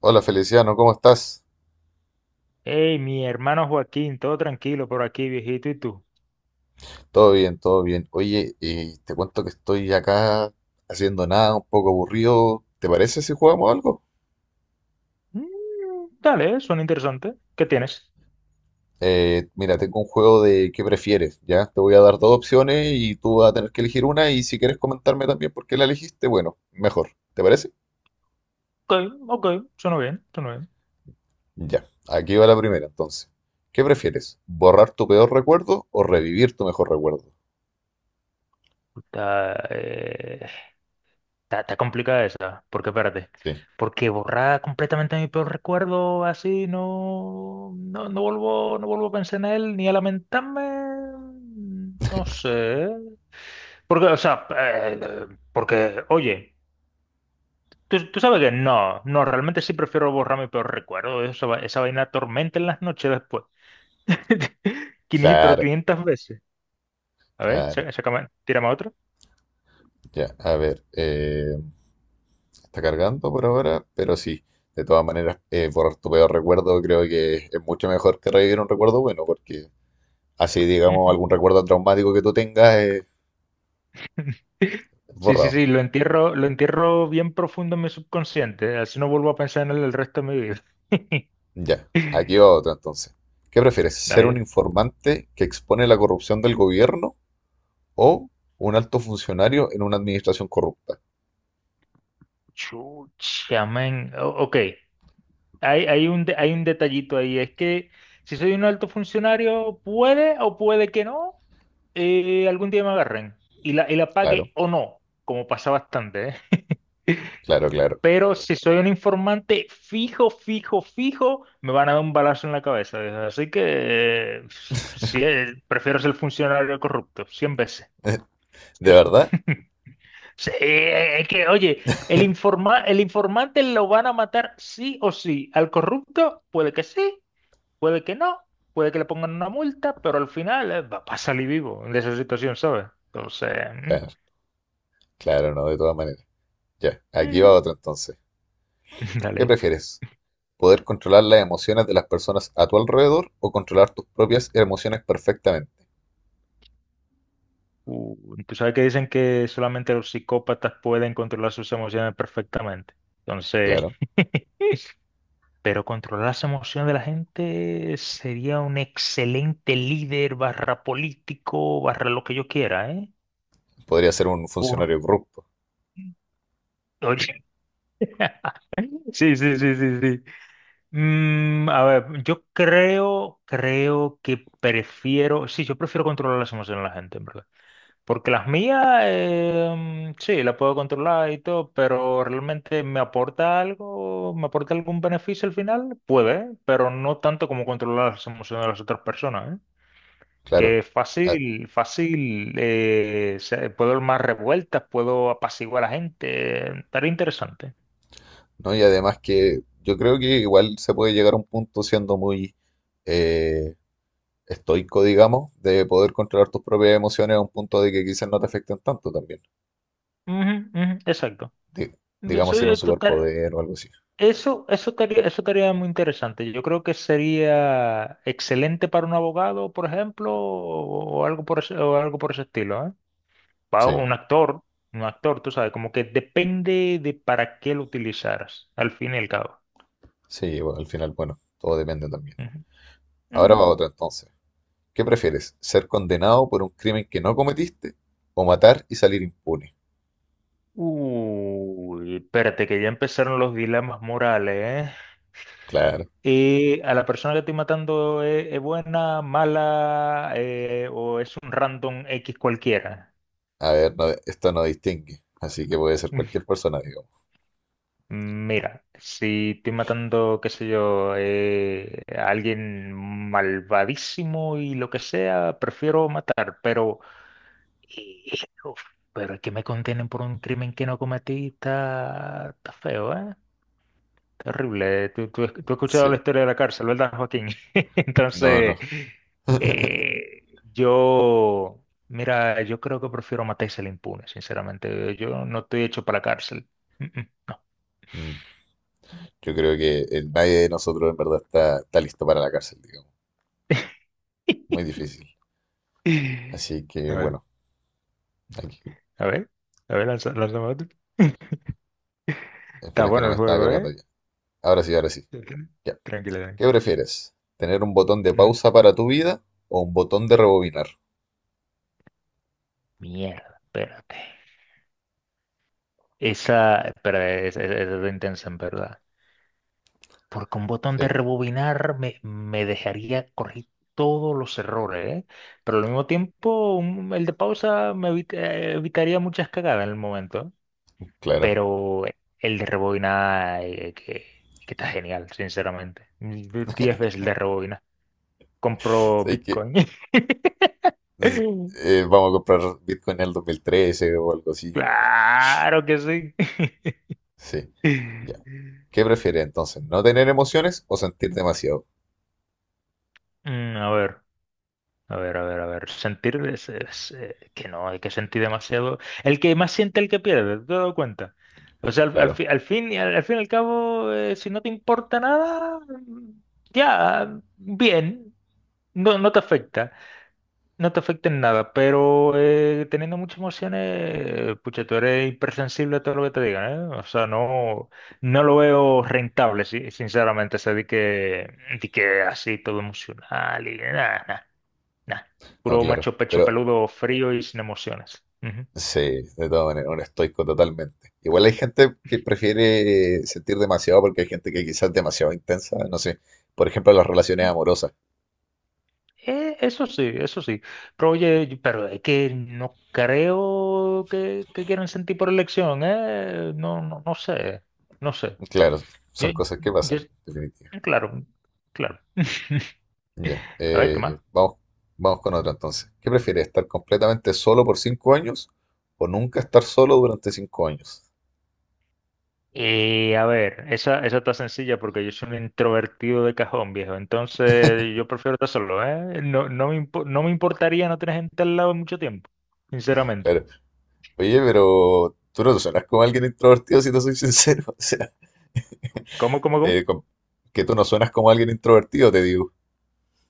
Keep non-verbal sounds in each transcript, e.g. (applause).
Hola Feliciano, ¿cómo estás? Hey, mi hermano Joaquín, todo tranquilo por aquí, viejito, ¿y tú? Todo bien, todo bien. Oye, te cuento que estoy acá haciendo nada, un poco aburrido. ¿Te parece si jugamos algo? Mm, Dale, suena interesante. ¿Qué tienes? Mira, tengo un juego de qué prefieres, ¿ya? Te voy a dar dos opciones y tú vas a tener que elegir una y si quieres comentarme también por qué la elegiste, bueno, mejor. ¿Te parece? Ok, ok, suena bien, suena bien. Ya, aquí va la primera entonces. ¿Qué prefieres? ¿Borrar tu peor recuerdo o revivir tu mejor recuerdo? Está, eh, está complicada esa, porque espérate, Sí, porque borrar completamente mi peor recuerdo así, no, no, no vuelvo, no vuelvo a pensar en él ni a lamentarme, no sé. Porque, o sea, porque, oye. Tú sabes que no, no, realmente sí prefiero borrar mi peor recuerdo. Eso, esa vaina tormenta en las noches después. (laughs) 500, pero claro, 500 veces. A ver, claro. Sácame, tírame otro. Ya, a ver. Está cargando por ahora, pero sí, de todas maneras, borrar tu peor recuerdo creo que es mucho mejor que revivir un recuerdo bueno, porque así, digamos, algún Ujú. recuerdo traumático que tú tengas (laughs) es Sí, sí, borrado. sí, lo entierro bien profundo en mi subconsciente. Así no vuelvo a pensar en él el resto de mi vida. Ya, aquí va otro entonces. ¿Qué prefieres? (laughs) ¿Ser un Dale. informante que expone la corrupción del gobierno o un alto funcionario en una administración corrupta? Chucha, men. Ok. Hay un detallito ahí, es que si soy un alto funcionario, puede o puede que no, algún día me agarren y la Claro, pague o no, como pasa bastante, ¿eh? claro, claro. Pero si soy un informante fijo, fijo, fijo, me van a dar un balazo en la cabeza, ¿eh? Así que eh, sí, prefiero ser funcionario corrupto, 100 veces. ¿De Yo sí. verdad? (laughs) Sí, es que, oye, el informante lo van a matar sí o sí. Al corrupto puede que sí, puede que no, puede que le pongan una multa, pero al final, va a salir vivo de esa situación, ¿sabes? Entonces, Claro, claro, no, de todas maneras. Ya, mm, aquí va mm, otro entonces. (laughs) ¿Qué dale. prefieres? Poder controlar las emociones de las personas a tu alrededor o controlar tus propias emociones perfectamente. Tú sabes que dicen que solamente los psicópatas pueden controlar sus emociones perfectamente. Entonces, Claro, (laughs) pero controlar las emociones de la gente sería un excelente líder barra político, barra lo que yo quiera, ¿eh? podría ser un Por... funcionario corrupto, (laughs) Oye, (laughs) sí, sí, sí, sí, sí. A ver, yo creo que prefiero, sí, yo prefiero controlar las emociones de la gente, en verdad. Porque las mías, sí, las puedo controlar y todo, pero realmente me aporta algo, me aporta algún beneficio al final, puede, pero no tanto como controlar las emociones de las otras personas, ¿eh? Que claro. es Ah, fácil, fácil, puedo dar más revueltas, puedo apaciguar a la gente, estaría interesante. ¿no? Y además que yo creo que igual se puede llegar a un punto siendo muy eh, estoico, digamos, de poder controlar tus propias emociones a un punto de que quizás no te afecten tanto también. Ujú, ujú, exacto. Di- digamos, sin un Soy total- superpoder o algo así. eso estaría muy interesante. Yo creo que sería excelente para un abogado, por ejemplo, o algo por ese, o algo por ese estilo, ¿eh? Para Sí, un actor, tú sabes, como que depende de para qué lo utilizaras, al fin y al cabo. sí, bueno, al final, bueno, todo depende también. Ujú, Ahora ujú. va otra entonces. ¿Qué prefieres? ¿Ser condenado por un crimen que no cometiste o matar y salir impune? Uy, espérate, que ya empezaron los dilemas morales, ¿eh? Claro. ¿A la persona que estoy matando es buena, mala, o es un random X cualquiera? A ver, esto no distingue, así que puede ser cualquier (laughs) persona, digamos. Mira, si estoy matando, qué sé yo, a alguien malvadísimo y lo que sea, prefiero matar, y- y- uf, pero es que me contienen por un crimen que no cometí, está feo, ¿eh? Terrible. Tú has escuchado Sí. la historia de la cárcel, ¿verdad, Joaquín? (laughs) No, no. Entonces, (laughs) eh, yo, mira, yo creo que prefiero matar y al impune, sinceramente. Yo no estoy hecho para la cárcel. Mm, mm, no. Mm. Yo creo que nadie de nosotros en verdad está listo para la cárcel, digamos. (laughs) Muy difícil. Así que A ver, bueno, aquí. a ver, a ver, lánzame otro. (laughs) Está Espero que no bueno me el estaba juego, cargando ¿eh? ya. Ahora sí, ahora sí. Tranquila, Ya. tranquila. ¿Qué prefieres? ¿Tener un botón de Ujú. pausa para tu vida o un botón de rebobinar? Mierda, espérate. Esa, espera, esa está intensa en verdad. Porque un botón de Sí, rebobinar me dejaría corregir todos los errores, ¿eh? Pero al mismo tiempo, el de pausa me evitaría muchas cagadas en el momento, ¿eh? claro. Pero el de rebobinar, que está genial, sinceramente. 10 veces el de rebobinar. (laughs) Compro Sabes que Bitcoin. Z- (laughs) vamos a comprar Bitcoin en el 2013 o algo así. Claro que sí. Sí, ya. (laughs) ¿Qué prefieres entonces? ¿No tener emociones o sentir demasiado? A ver, a ver, a ver, a ver. Sentir que no, hay que sentir demasiado. El que más siente, el que pierde, ¿te has dado cuenta? O sea, al, al Claro, fi- al fin, y al fin y al cabo, si no te importa nada, ya, bien, no, no te afecta. No te afecta en nada, pero teniendo muchas emociones, pucha, tú eres hipersensible a todo lo que te digan, ¿eh? O sea, no, no lo veo rentable, sí, sinceramente, ese di que así todo emocional y nada, nada, nada. no, Puro claro. macho pecho Pero peludo frío y sin emociones. Ujú. sí, de todas maneras, un estoico totalmente. Igual hay gente que prefiere sentir demasiado porque hay gente que quizás es demasiado intensa. No sé, por ejemplo, las relaciones Ujú. amorosas. Eso sí, eso sí. Pero oye, pero es que no creo que quieran sentir por elección, ¿eh? No, no, no sé, no sé. Claro, Yo, son cosas que yo pasan, definitivamente. Claro, claro. (laughs) Ya, A ver, ¿qué más? Vamos con otra entonces. ¿Qué prefieres, estar completamente solo por 5 años o nunca estar solo durante 5 años? A ver, esa está sencilla porque yo soy un introvertido de cajón, viejo. Entonces, yo prefiero estar solo, ¿eh? No, no me importaría no tener gente al lado mucho tiempo, sinceramente. Claro. Oye, pero tú no suenas como alguien introvertido, si te soy sincero. (laughs) O sea, ¿Cómo, cómo, cómo? eh, com- que tú no suenas como alguien introvertido, te digo.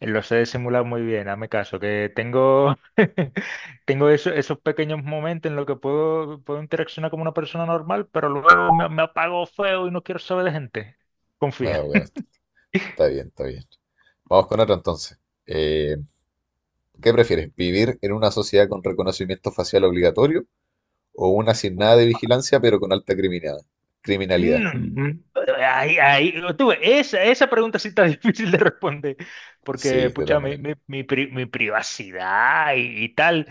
Lo sé simular muy bien, hazme caso, que tengo, (laughs) tengo esos pequeños momentos en los que puedo, puedo interaccionar como una persona normal, pero luego me apago feo y no quiero saber de gente. Ah, Confía. bueno, está bien, está bien. Vamos con otra entonces. Eh, ¿Qué prefieres, vivir en una sociedad con reconocimiento facial obligatorio o una sin nada de vigilancia pero con alta criminalidad? Criminalidad. Mm, esa pregunta sí está (laughs) difícil de responder, Sí, porque, de todas pucha, mi, maneras. mi, mi pri- mi privacidad y tal,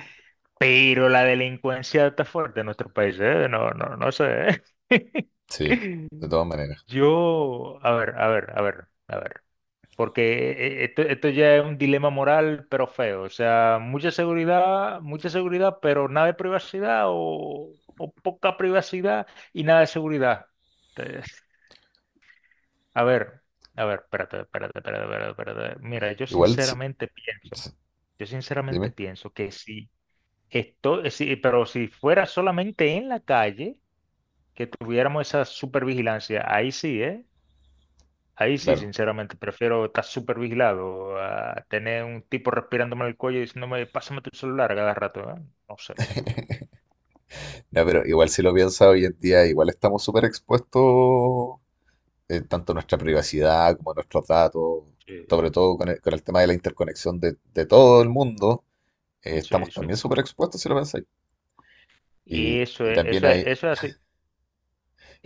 pero la delincuencia está fuerte en nuestro país, ¿eh? No, no, no sé. (laughs) Sí, de todas maneras. Yo, a ver, a ver, a ver, a ver, porque esto ya es un dilema moral, pero feo, o sea, mucha seguridad, pero nada de privacidad o poca privacidad y nada de seguridad. (laughs) A ver, a ver, espérate, espérate, espérate, espérate, espérate. Mira, yo Igual, sinceramente pienso, si- yo sinceramente dime, pienso que si esto, si, pero si fuera solamente en la calle, que tuviéramos esa supervigilancia, ahí sí, ¿eh? Ahí sí, claro. sinceramente, prefiero estar supervigilado a tener un tipo respirándome en el cuello y diciéndome, pásame tu celular a cada rato, ¿eh? No sé. No, pero igual si lo piensas hoy en día, igual estamos súper expuestos, tanto nuestra privacidad como nuestros datos, Sí, sobre todo con con el tema de la interconexión de todo el mundo, sí, estamos sí. también súper expuestos si lo pensáis. Y Y, eso y es, también eso es, hay, eso es así,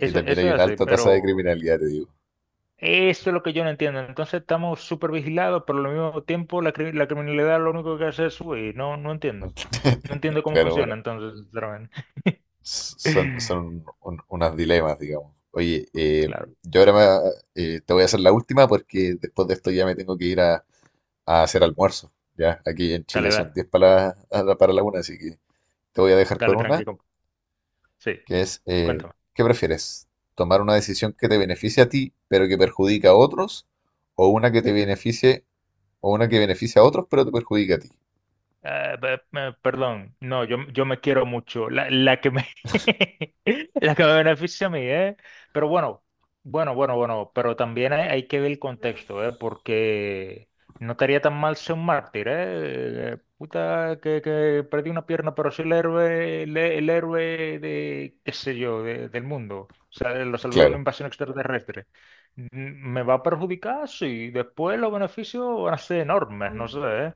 y también eso hay es una así, alta tasa de pero... criminalidad, te digo. Eso es lo que yo no entiendo. Entonces estamos súper vigilados, pero al mismo tiempo la, la criminalidad lo único que hace es subir. No, no entiendo. No (laughs) entiendo cómo Claro, bueno, funciona entonces, sinceramente. Son, son (laughs) unos dilemas, digamos. Oye, Claro. yo ahora te voy a hacer la última porque después de esto ya me tengo que ir a hacer almuerzo. Ya, aquí en Chile Dale, son 10 para la una, así que te voy a dejar con dale, una, tranquilo. Sí, que es, cuéntame. ¿qué prefieres? ¿Tomar una decisión que te beneficie a ti, pero que perjudica a otros? ¿O una que te beneficie, o una que beneficie a otros, pero te perjudica a ti? Ah, perdón, no, yo me quiero mucho, la que me, (laughs) la que me beneficia a mí, ¿eh? Pero bueno, bueno, bueno, bueno, pero también hay que ver el contexto, ¿eh? Porque no estaría tan mal ser un mártir, ¿eh? Puta, que perdí una pierna, pero soy el héroe, el héroe de, qué sé yo, del mundo. O sea, lo salvé de una Claro, invasión extraterrestre. ¿Me va a perjudicar? Sí, después los beneficios van a ser enormes, no sé, ¿eh?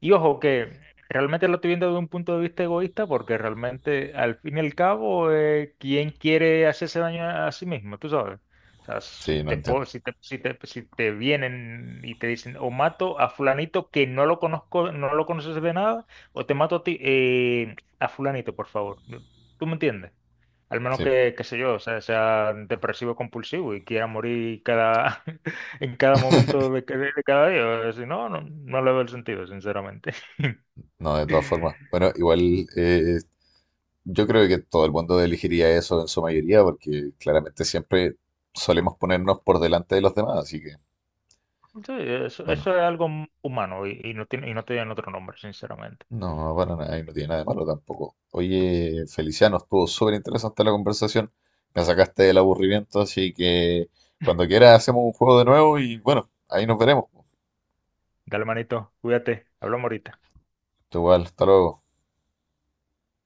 Y ojo, que realmente lo estoy viendo desde un punto de vista egoísta, porque realmente, al fin y al cabo, ¿quién quiere hacerse daño a sí mismo? Tú sabes. O sea, si sí, no te, po- entiendo. si te, si te, si te vienen y te dicen, o mato a fulanito que no lo conozco, no lo conoces de nada, o te mato a ti, a fulanito, por favor. ¿Tú me entiendes? Al menos Sí, que, qué sé yo, o sea, sea depresivo compulsivo y quiera morir cada, (laughs) en cada momento de cada día. Si no, no, no le veo el sentido, sinceramente. (laughs) no, de todas formas. Bueno, igual yo creo que todo el mundo elegiría eso en su mayoría, porque claramente siempre solemos ponernos por delante de los demás, así que, Sí, eso, bueno. eso es algo humano y no tiene otro nombre, sinceramente. No, para nada, y no tiene nada de malo tampoco. Oye, Feliciano, estuvo súper interesante la conversación. Me sacaste del aburrimiento, así que cuando quieras hacemos un juego de nuevo y bueno, ahí nos veremos. Dale, manito, cuídate, hablamos ahorita. Igual, hasta luego.